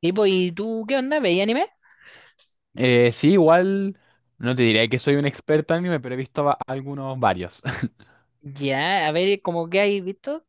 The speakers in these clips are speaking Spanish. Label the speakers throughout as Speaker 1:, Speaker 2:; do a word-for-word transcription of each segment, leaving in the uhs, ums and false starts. Speaker 1: Y pues, ¿y tú qué onda? ¿Veis anime?
Speaker 2: Eh, sí, igual no te diré que soy un experto en anime, pero he visto va- algunos varios.
Speaker 1: Ya, a ver, ¿como que hay visto?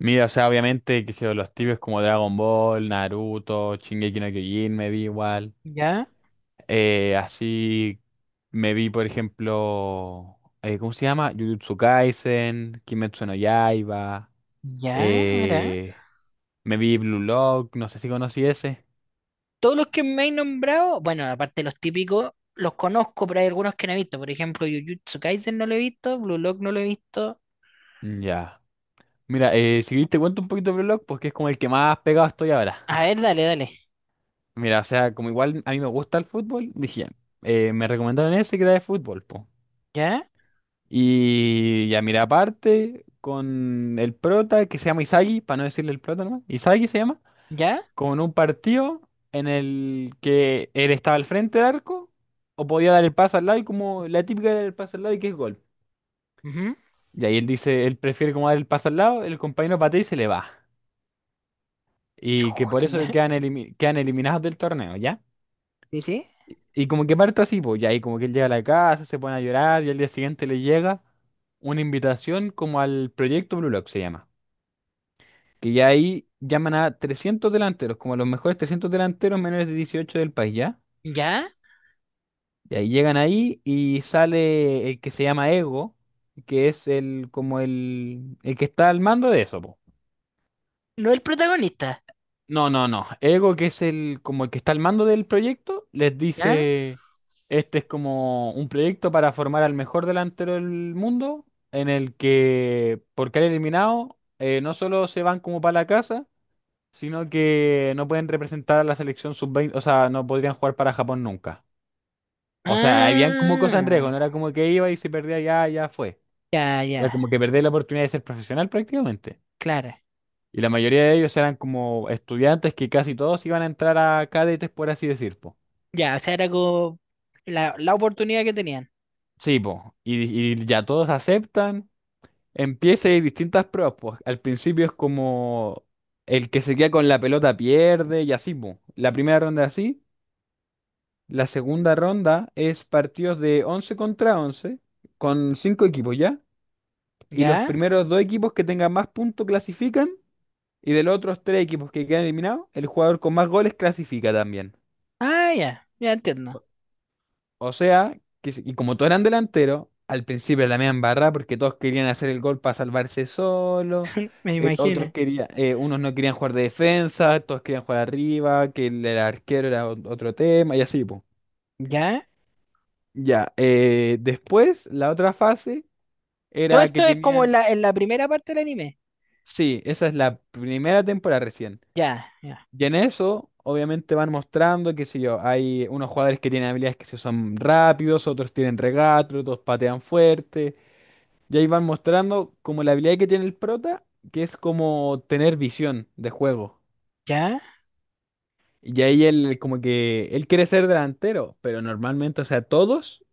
Speaker 2: Mira, o sea, obviamente, que sé yo, los tibios como Dragon Ball, Naruto, Shingeki no Kyojin, me vi igual.
Speaker 1: Ya,
Speaker 2: Eh, así me vi, por ejemplo, eh, ¿cómo se llama? Jujutsu Kaisen, Kimetsu no Yaiba.
Speaker 1: ya, mira.
Speaker 2: eh, Me vi Blue Lock, no sé si conocí ese.
Speaker 1: Todos los que me he nombrado, bueno, aparte de los típicos, los conozco, pero hay algunos que no he visto. Por ejemplo, Jujutsu Kaisen no lo he visto, Blue Lock no lo he visto.
Speaker 2: Ya. Mira, eh, si te cuento un poquito de Blue Lock, porque es como el que más pegado estoy ahora.
Speaker 1: A ver, dale, dale.
Speaker 2: Mira, o sea, como igual a mí me gusta el fútbol, dije, eh, me recomendaron ese que era de fútbol, po.
Speaker 1: ¿Ya?
Speaker 2: Y ya, mira, aparte, con el prota, que se llama Isagi, para no decirle el prota nomás, Isagi se llama,
Speaker 1: ¿Ya?
Speaker 2: con un partido en el que él estaba al frente del arco, o podía dar el pase al lado, y como la típica era el pase al lado y que es gol.
Speaker 1: Ujú.
Speaker 2: Y ahí él dice, él prefiere como dar el pase al lado, el compañero patea y se le va. Y que por
Speaker 1: Chuta,
Speaker 2: eso
Speaker 1: ya.
Speaker 2: quedan, elimi- quedan eliminados del torneo, ¿ya?
Speaker 1: ¿Sí, sí?
Speaker 2: Y, y como que parto así, pues, ya, y como que él llega a la casa, se pone a llorar, y al día siguiente le llega una invitación como al proyecto Blue Lock, se llama. Que ya ahí llaman a trescientos delanteros, como a los mejores trescientos delanteros menores de dieciocho del país, ¿ya?
Speaker 1: ¿Ya?
Speaker 2: Y ahí llegan ahí y sale el que se llama Ego, que es el como el, el que está al mando de eso, pues.
Speaker 1: No el protagonista.
Speaker 2: No, no, no. Ego, que es el como el que está al mando del proyecto, les
Speaker 1: ¿Ya?
Speaker 2: dice, este es como un proyecto para formar al mejor delantero del mundo, en el que por caer eliminado eh, no solo se van como para la casa, sino que no pueden representar a la selección sub veinte, o sea, no podrían jugar para Japón nunca. O sea, habían como cosas en riesgo, no
Speaker 1: Ah,
Speaker 2: era como que iba y si perdía ya, ya fue.
Speaker 1: ya,
Speaker 2: Era
Speaker 1: ya,
Speaker 2: como que perdía la oportunidad de ser profesional prácticamente.
Speaker 1: claro.
Speaker 2: Y la mayoría de ellos eran como estudiantes que casi todos iban a entrar a cadetes, por así decir, po.
Speaker 1: Ya, o sea, era como la, la oportunidad que tenían.
Speaker 2: Sí, po. Y, y ya todos aceptan. Empieza y hay distintas pruebas, pues. Al principio es como el que se queda con la pelota pierde y así, po. La primera ronda es así. La segunda ronda es partidos de once contra once con cinco equipos ya. Y los
Speaker 1: ¿Ya?
Speaker 2: primeros dos equipos que tengan más puntos clasifican. Y de los otros tres equipos que quedan eliminados, el jugador con más goles clasifica también.
Speaker 1: Ah, ya, ya entiendo.
Speaker 2: O sea, que, y como todos eran delanteros, al principio la media barra porque todos querían hacer el gol para salvarse solo,
Speaker 1: Me
Speaker 2: eh, otros
Speaker 1: imagino.
Speaker 2: querían, eh, unos no querían jugar de defensa, todos querían jugar arriba, que el, el arquero era ot- otro tema y así, po.
Speaker 1: ¿Ya?
Speaker 2: Ya, eh, después la otra fase
Speaker 1: Todo
Speaker 2: era que
Speaker 1: esto es como en
Speaker 2: tenían,
Speaker 1: la, en la primera parte del anime.
Speaker 2: sí, esa es la primera temporada recién.
Speaker 1: Ya, ya,
Speaker 2: Y en eso, obviamente van mostrando, qué sé yo, hay unos jugadores que tienen habilidades que se son rápidos, otros tienen regates, otros patean fuerte. Y ahí van mostrando como la habilidad que tiene el prota, que es como tener visión de juego.
Speaker 1: ya.
Speaker 2: Y ahí él como que él quiere ser delantero, pero normalmente, o sea, todos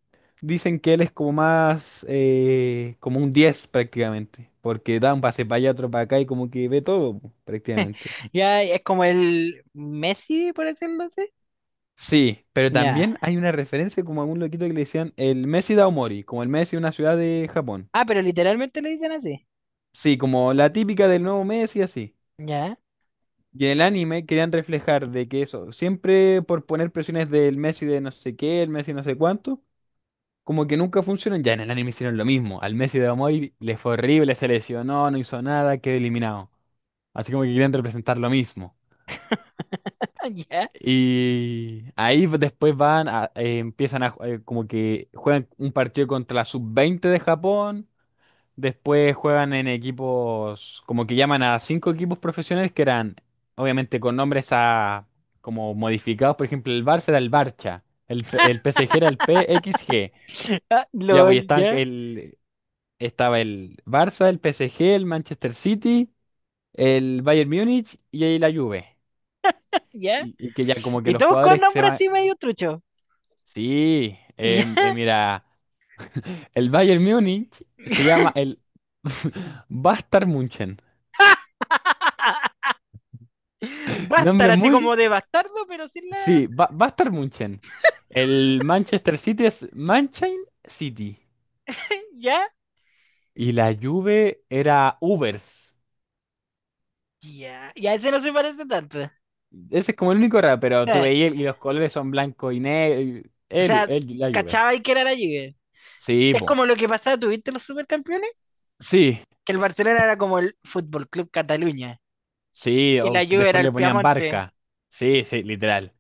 Speaker 2: dicen que él es como más, eh, como un diez prácticamente, porque da un pase para allá, otro para acá y como que ve todo po, prácticamente.
Speaker 1: Ya es como el Messi, por decirlo así.
Speaker 2: Sí, pero
Speaker 1: Ya.
Speaker 2: también hay una referencia como a un loquito que le decían el Messi Daomori, como el Messi de una ciudad de Japón.
Speaker 1: Ah, pero literalmente le dicen así.
Speaker 2: Sí, como la típica del nuevo Messi, así.
Speaker 1: Ya,
Speaker 2: Y en el anime querían reflejar de que eso, siempre por poner presiones del Messi de no sé qué, el Messi no sé cuánto, como que nunca funcionan. Ya en el anime hicieron lo mismo. Al Messi de Amoy le fue horrible, se lesionó, no hizo nada, quedó eliminado. Así como que querían representar lo mismo.
Speaker 1: ya.
Speaker 2: Y ahí pues, después van, a- eh, empiezan a, ju- eh, como que juegan un partido contra la sub veinte de Japón. Después juegan en equipos, como que llaman a cinco equipos profesionales que eran, obviamente, con nombres a, como modificados. Por ejemplo, el Barça era el Barça, el, P- el P S G era el P X G.
Speaker 1: Ah,
Speaker 2: Ya, pues y
Speaker 1: LOL,
Speaker 2: estaban
Speaker 1: ya,
Speaker 2: el, estaba el Barça, el P S G, el Manchester City, el Bayern Múnich y ahí la Juve.
Speaker 1: ya.
Speaker 2: Y, y que ya como que
Speaker 1: Y
Speaker 2: los
Speaker 1: todos con
Speaker 2: jugadores que se
Speaker 1: nombre
Speaker 2: llaman...
Speaker 1: así medio trucho.
Speaker 2: Sí,
Speaker 1: Ya.
Speaker 2: em, eh, mira, el Bayern Múnich se llama el Bastard München.
Speaker 1: Bastar,
Speaker 2: Nombre
Speaker 1: así
Speaker 2: muy.
Speaker 1: como de bastardo, pero sin la.
Speaker 2: Sí, va, va a estar Munchen. El Manchester City es Manchine City.
Speaker 1: Ya,
Speaker 2: Y la Juve era Ubers.
Speaker 1: ya. Ya ese no se parece tanto.
Speaker 2: Ese es como el único raro, pero tú
Speaker 1: Eh,
Speaker 2: veías y los colores son blanco y negro.
Speaker 1: o
Speaker 2: El, Ju-
Speaker 1: sea,
Speaker 2: el- la Juve.
Speaker 1: cachaba y que era allí.
Speaker 2: Sí,
Speaker 1: Es
Speaker 2: po.
Speaker 1: como lo que pasaba, ¿tuviste los supercampeones?
Speaker 2: Sí,
Speaker 1: Que el Barcelona era como el Fútbol Club Cataluña
Speaker 2: sí,
Speaker 1: y la
Speaker 2: o
Speaker 1: Juve era
Speaker 2: después
Speaker 1: el
Speaker 2: le ponían
Speaker 1: Piamonte.
Speaker 2: Barca. Sí, sí, literal.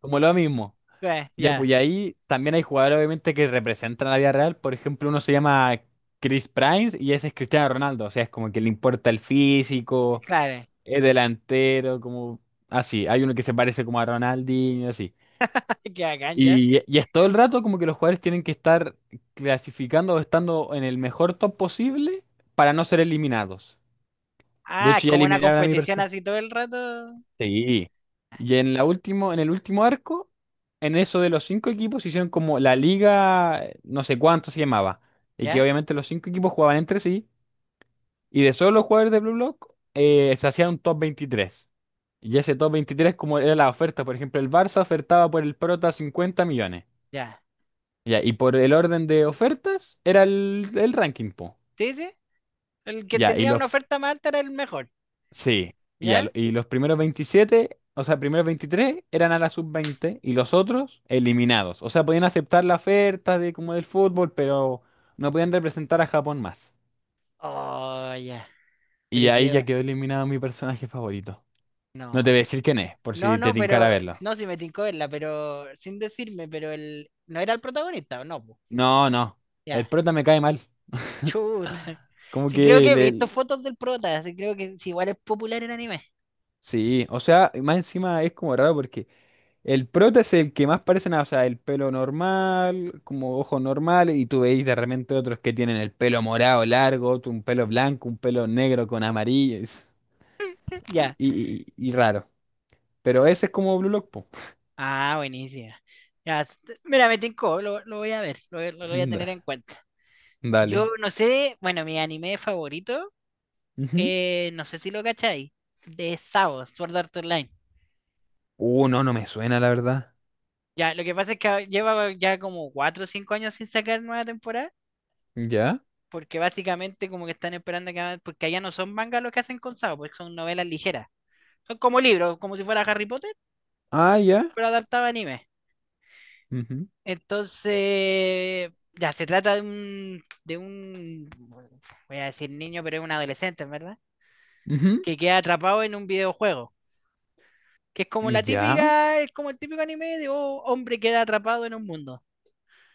Speaker 2: Como lo mismo.
Speaker 1: Ya,
Speaker 2: Ya, pues y
Speaker 1: ya,
Speaker 2: ahí también hay jugadores obviamente que representan la vida real. Por ejemplo, uno se llama Chris Primes y ese es Cristiano Ronaldo. O sea, es como que le importa el físico.
Speaker 1: claro.
Speaker 2: Es delantero, como así. Hay uno que se parece como a Ronaldinho, así.
Speaker 1: Qué bacán, ya.
Speaker 2: Y, y es todo el rato como que los jugadores tienen que estar clasificando o estando en el mejor top posible para no ser eliminados. De
Speaker 1: Ah, es
Speaker 2: hecho, ya
Speaker 1: como una
Speaker 2: eliminaron a mi
Speaker 1: competición
Speaker 2: persona.
Speaker 1: así todo el rato.
Speaker 2: Sí. Y en la último, en el último arco, en eso de los cinco equipos, hicieron como la liga, eh, no sé cuánto se llamaba. Y que
Speaker 1: Ya,
Speaker 2: obviamente los cinco equipos jugaban entre sí. Y de solo los jugadores de Blue Block, eh, se hacía un top veintitrés. Y ese top veintitrés como era la oferta, por ejemplo, el Barça ofertaba por el Prota cincuenta millones.
Speaker 1: ya.
Speaker 2: Ya, y por el orden de ofertas era el, el ranking, po.
Speaker 1: Sí, sí. El que
Speaker 2: Ya, y
Speaker 1: tenía
Speaker 2: los,
Speaker 1: una oferta más alta era el mejor.
Speaker 2: sí, ya, lo-
Speaker 1: ¿Ya?
Speaker 2: y los primeros veintisiete, o sea, primeros veintitrés eran a la sub veinte y los otros eliminados. O sea, podían aceptar la oferta de como del fútbol, pero no podían representar a Japón más.
Speaker 1: Oh, ya.
Speaker 2: Y ahí
Speaker 1: Brígido,
Speaker 2: ya
Speaker 1: va.
Speaker 2: quedó eliminado mi personaje favorito. No te voy
Speaker 1: No.
Speaker 2: a decir quién es, por
Speaker 1: No,
Speaker 2: si te
Speaker 1: no,
Speaker 2: tincara
Speaker 1: pero.
Speaker 2: verlo.
Speaker 1: No, si me tincó verla, pero. Sin decirme, pero él. No era el protagonista, ¿o no, po?
Speaker 2: No, no. El
Speaker 1: Ya.
Speaker 2: prota me cae mal.
Speaker 1: Chuta.
Speaker 2: Como
Speaker 1: Sí, creo
Speaker 2: que
Speaker 1: que he visto
Speaker 2: le...
Speaker 1: fotos del prota. Sí, creo que sí, igual es popular en anime.
Speaker 2: Sí, o sea, más encima es como raro porque el prota es el que más parece nada. O sea, el pelo normal, como ojos normales, y tú veis de repente otros que tienen el pelo morado largo, otro un pelo blanco, un pelo negro con amarillo. es- Y,
Speaker 1: Ya.
Speaker 2: y- y- y raro. Pero ese es como Blue Lock, po.
Speaker 1: Ah, buenísima. Ya. s- Mira, me tincó, lo, lo voy a ver, lo, voy- lo voy a tener
Speaker 2: Da-
Speaker 1: en cuenta. Yo
Speaker 2: Dale.
Speaker 1: no sé, bueno, mi anime favorito,
Speaker 2: Ujú.
Speaker 1: eh, no sé si lo cacháis, de Sao, Sword Art Online.
Speaker 2: Uh, no, no me suena, la verdad.
Speaker 1: Ya, lo que pasa es que ahora lleva ya como cuatro o cinco años sin sacar nueva temporada,
Speaker 2: ¿Ya?
Speaker 1: porque básicamente como que están esperando que hagan- porque allá no son mangas lo que hacen con Sao, porque son novelas ligeras. Son como libros, como si fuera Harry Potter,
Speaker 2: Ah, ya.
Speaker 1: pero adaptado a anime.
Speaker 2: Ujú.
Speaker 1: Entonces, ya, se trata de un, de un, voy a decir niño, pero es un adolescente, en ¿verdad?
Speaker 2: Ujú.
Speaker 1: Que queda atrapado en un videojuego, que es como la
Speaker 2: ¿Ya?
Speaker 1: típica, es como el típico anime de oh, hombre queda atrapado en un mundo.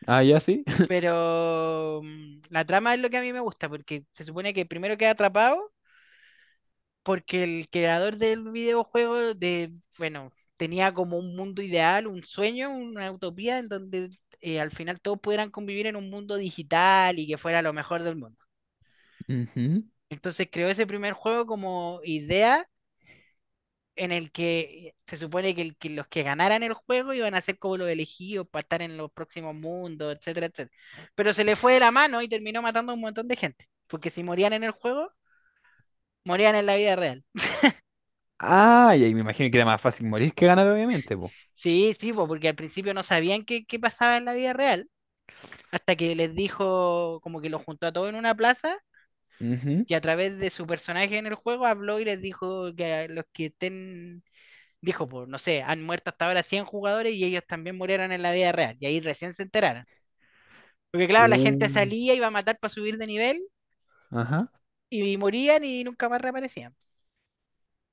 Speaker 2: Ah, ya sí.
Speaker 1: Pero mm, la trama es lo que a mí me gusta, porque se supone que primero queda atrapado porque el creador del videojuego, de, bueno, tenía como un mundo ideal, un sueño, una utopía en donde eh, al final todos pudieran convivir en un mundo digital y que fuera lo mejor del mundo.
Speaker 2: Ujú.
Speaker 1: Entonces creó ese primer juego como idea en el que eh, se supone que, el- que los que ganaran el juego iban a ser como los elegidos para estar en los próximos mundos, etcétera, etcétera. Pero se le fue de la mano y terminó matando a un montón de gente, porque si morían en el juego, morían en la vida real.
Speaker 2: Ah, y ahí me imagino que era más fácil morir que ganar, obviamente, po.
Speaker 1: Sí, sí, po, porque al principio no sabían qué, qué pasaba en la vida real, hasta que les dijo, como que los juntó a todos en una plaza,
Speaker 2: Ujú.
Speaker 1: y a través de su personaje en el juego habló y les dijo que a los que estén, dijo, pues, no sé, han muerto hasta ahora cien jugadores y ellos también murieron en la vida real, y ahí recién se enteraron. Porque claro, la gente
Speaker 2: Uh,
Speaker 1: salía, iba a matar para subir de nivel,
Speaker 2: Ajá.
Speaker 1: y morían y nunca más reaparecían.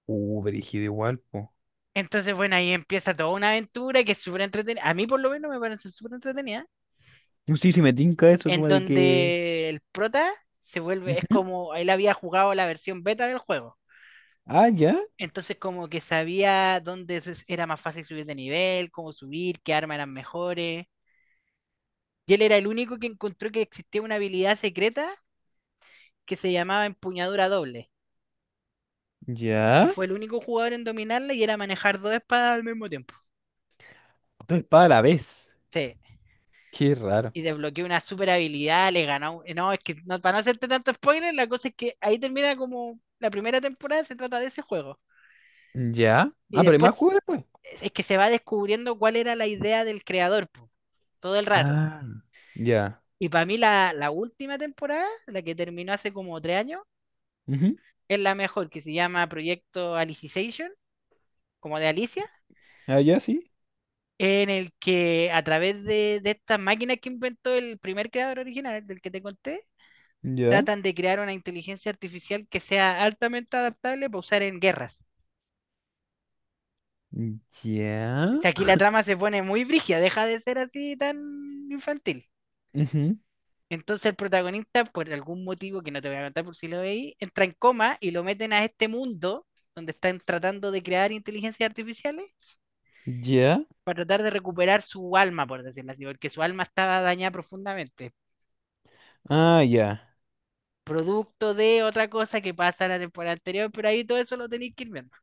Speaker 2: Uh, brígido igual, po.
Speaker 1: Entonces, bueno, ahí empieza toda una aventura que es súper entretenida. A mí por lo menos me parece súper entretenida.
Speaker 2: No sé si me tinca eso,
Speaker 1: En
Speaker 2: como de que.
Speaker 1: donde el prota se vuelve, es
Speaker 2: Ujú.
Speaker 1: como, él había jugado la versión beta del juego.
Speaker 2: Ah, ya.
Speaker 1: Entonces como que sabía dónde se- era más fácil subir de nivel, cómo subir, qué armas eran mejores. Y él era el único que encontró que existía una habilidad secreta que se llamaba empuñadura doble. Y
Speaker 2: Ya.
Speaker 1: fue el único jugador en dominarla y era manejar dos espadas al mismo tiempo.
Speaker 2: Dos espadas a la vez.
Speaker 1: Sí.
Speaker 2: Qué raro.
Speaker 1: Y desbloqueó una super habilidad, le ganó. eh, No, es que no, para no hacerte tanto spoiler, la cosa es que ahí termina como la primera temporada, se trata de ese juego.
Speaker 2: Ya.
Speaker 1: Y
Speaker 2: Ah, pero hay
Speaker 1: después
Speaker 2: más juegos después.
Speaker 1: es que se va descubriendo cuál era la idea del creador, po, todo el rato.
Speaker 2: Ah, ya.
Speaker 1: Y para mí la, la última temporada, la que terminó hace como tres años,
Speaker 2: Ujú.
Speaker 1: es la mejor, que se llama Proyecto Alicization, como de Alicia,
Speaker 2: Ah, ya, sí.
Speaker 1: en el que a través de, de estas máquinas que inventó el primer creador original, del que te conté,
Speaker 2: Ya.
Speaker 1: tratan de crear una inteligencia artificial que sea altamente adaptable para usar en guerras. O
Speaker 2: Ya.
Speaker 1: sea, aquí la trama se pone muy brígida, deja de ser así tan infantil.
Speaker 2: Ujú.
Speaker 1: Entonces el protagonista, por algún motivo que no te voy a contar por si lo veis, entra en coma y lo meten a este mundo donde están tratando de crear inteligencias artificiales
Speaker 2: Ya.
Speaker 1: para tratar de recuperar su alma, por decirlo así, porque su alma estaba dañada profundamente,
Speaker 2: Ah, ya.
Speaker 1: producto de otra cosa que pasa en la temporada anterior, pero ahí todo eso lo tenéis que ir viendo.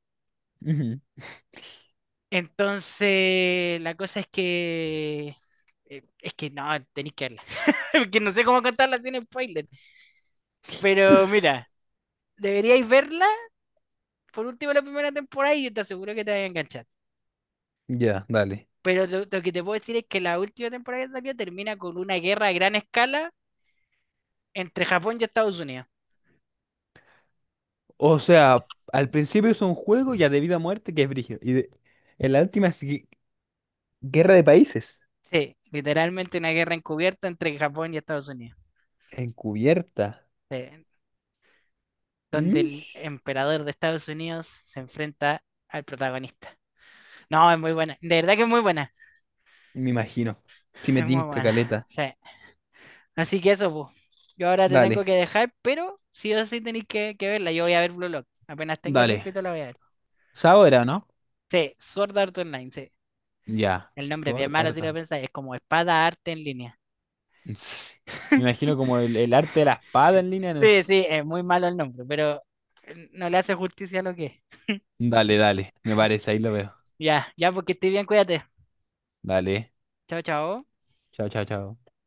Speaker 2: Ujú.
Speaker 1: Entonces, la cosa es que eh, es que no, tenéis que verla, porque no sé cómo contarla sin spoiler, pero mira, deberíais verla por último la primera temporada y yo te aseguro que te vas a enganchar.
Speaker 2: Ya, dale.
Speaker 1: Pero lo, lo que te puedo decir es que la última temporada que salió termina con una guerra a gran escala entre Japón y Estados Unidos.
Speaker 2: O sea, al principio es un juego ya de vida o muerte que es brígido. Y de- en la última es gui- guerra de países.
Speaker 1: Sí, literalmente una guerra encubierta entre Japón y Estados Unidos.
Speaker 2: Encubierta.
Speaker 1: Sí, donde el
Speaker 2: Mish.
Speaker 1: emperador de Estados Unidos se enfrenta al protagonista. No, es muy buena. De verdad que es muy buena.
Speaker 2: Me imagino. Si me
Speaker 1: Es muy
Speaker 2: tinca
Speaker 1: buena.
Speaker 2: caleta.
Speaker 1: Sí. Así que eso, pues. Yo ahora te tengo
Speaker 2: Dale.
Speaker 1: que dejar, pero sí o sí tenéis que, que verla. Yo voy a ver Blue Lock. Apenas tenga
Speaker 2: Dale.
Speaker 1: tiempito la voy a ver.
Speaker 2: Sabora, ¿no?
Speaker 1: Sí, Sword Art Online, sí.
Speaker 2: Ya.
Speaker 1: El nombre es bien
Speaker 2: Sword
Speaker 1: malo si
Speaker 2: Art
Speaker 1: lo
Speaker 2: and-
Speaker 1: pensáis, es como espada arte en línea.
Speaker 2: Ts. Me imagino como el, el arte de la espada en línea. No
Speaker 1: Sí,
Speaker 2: es-
Speaker 1: sí, es muy malo el nombre, pero eh, no le hace justicia a lo que es.
Speaker 2: Dale, dale. Me parece, ahí lo veo.
Speaker 1: Ya, ya, porque estoy bien, cuídate.
Speaker 2: Dale.
Speaker 1: Chao, chao.
Speaker 2: Chao, chao, chao.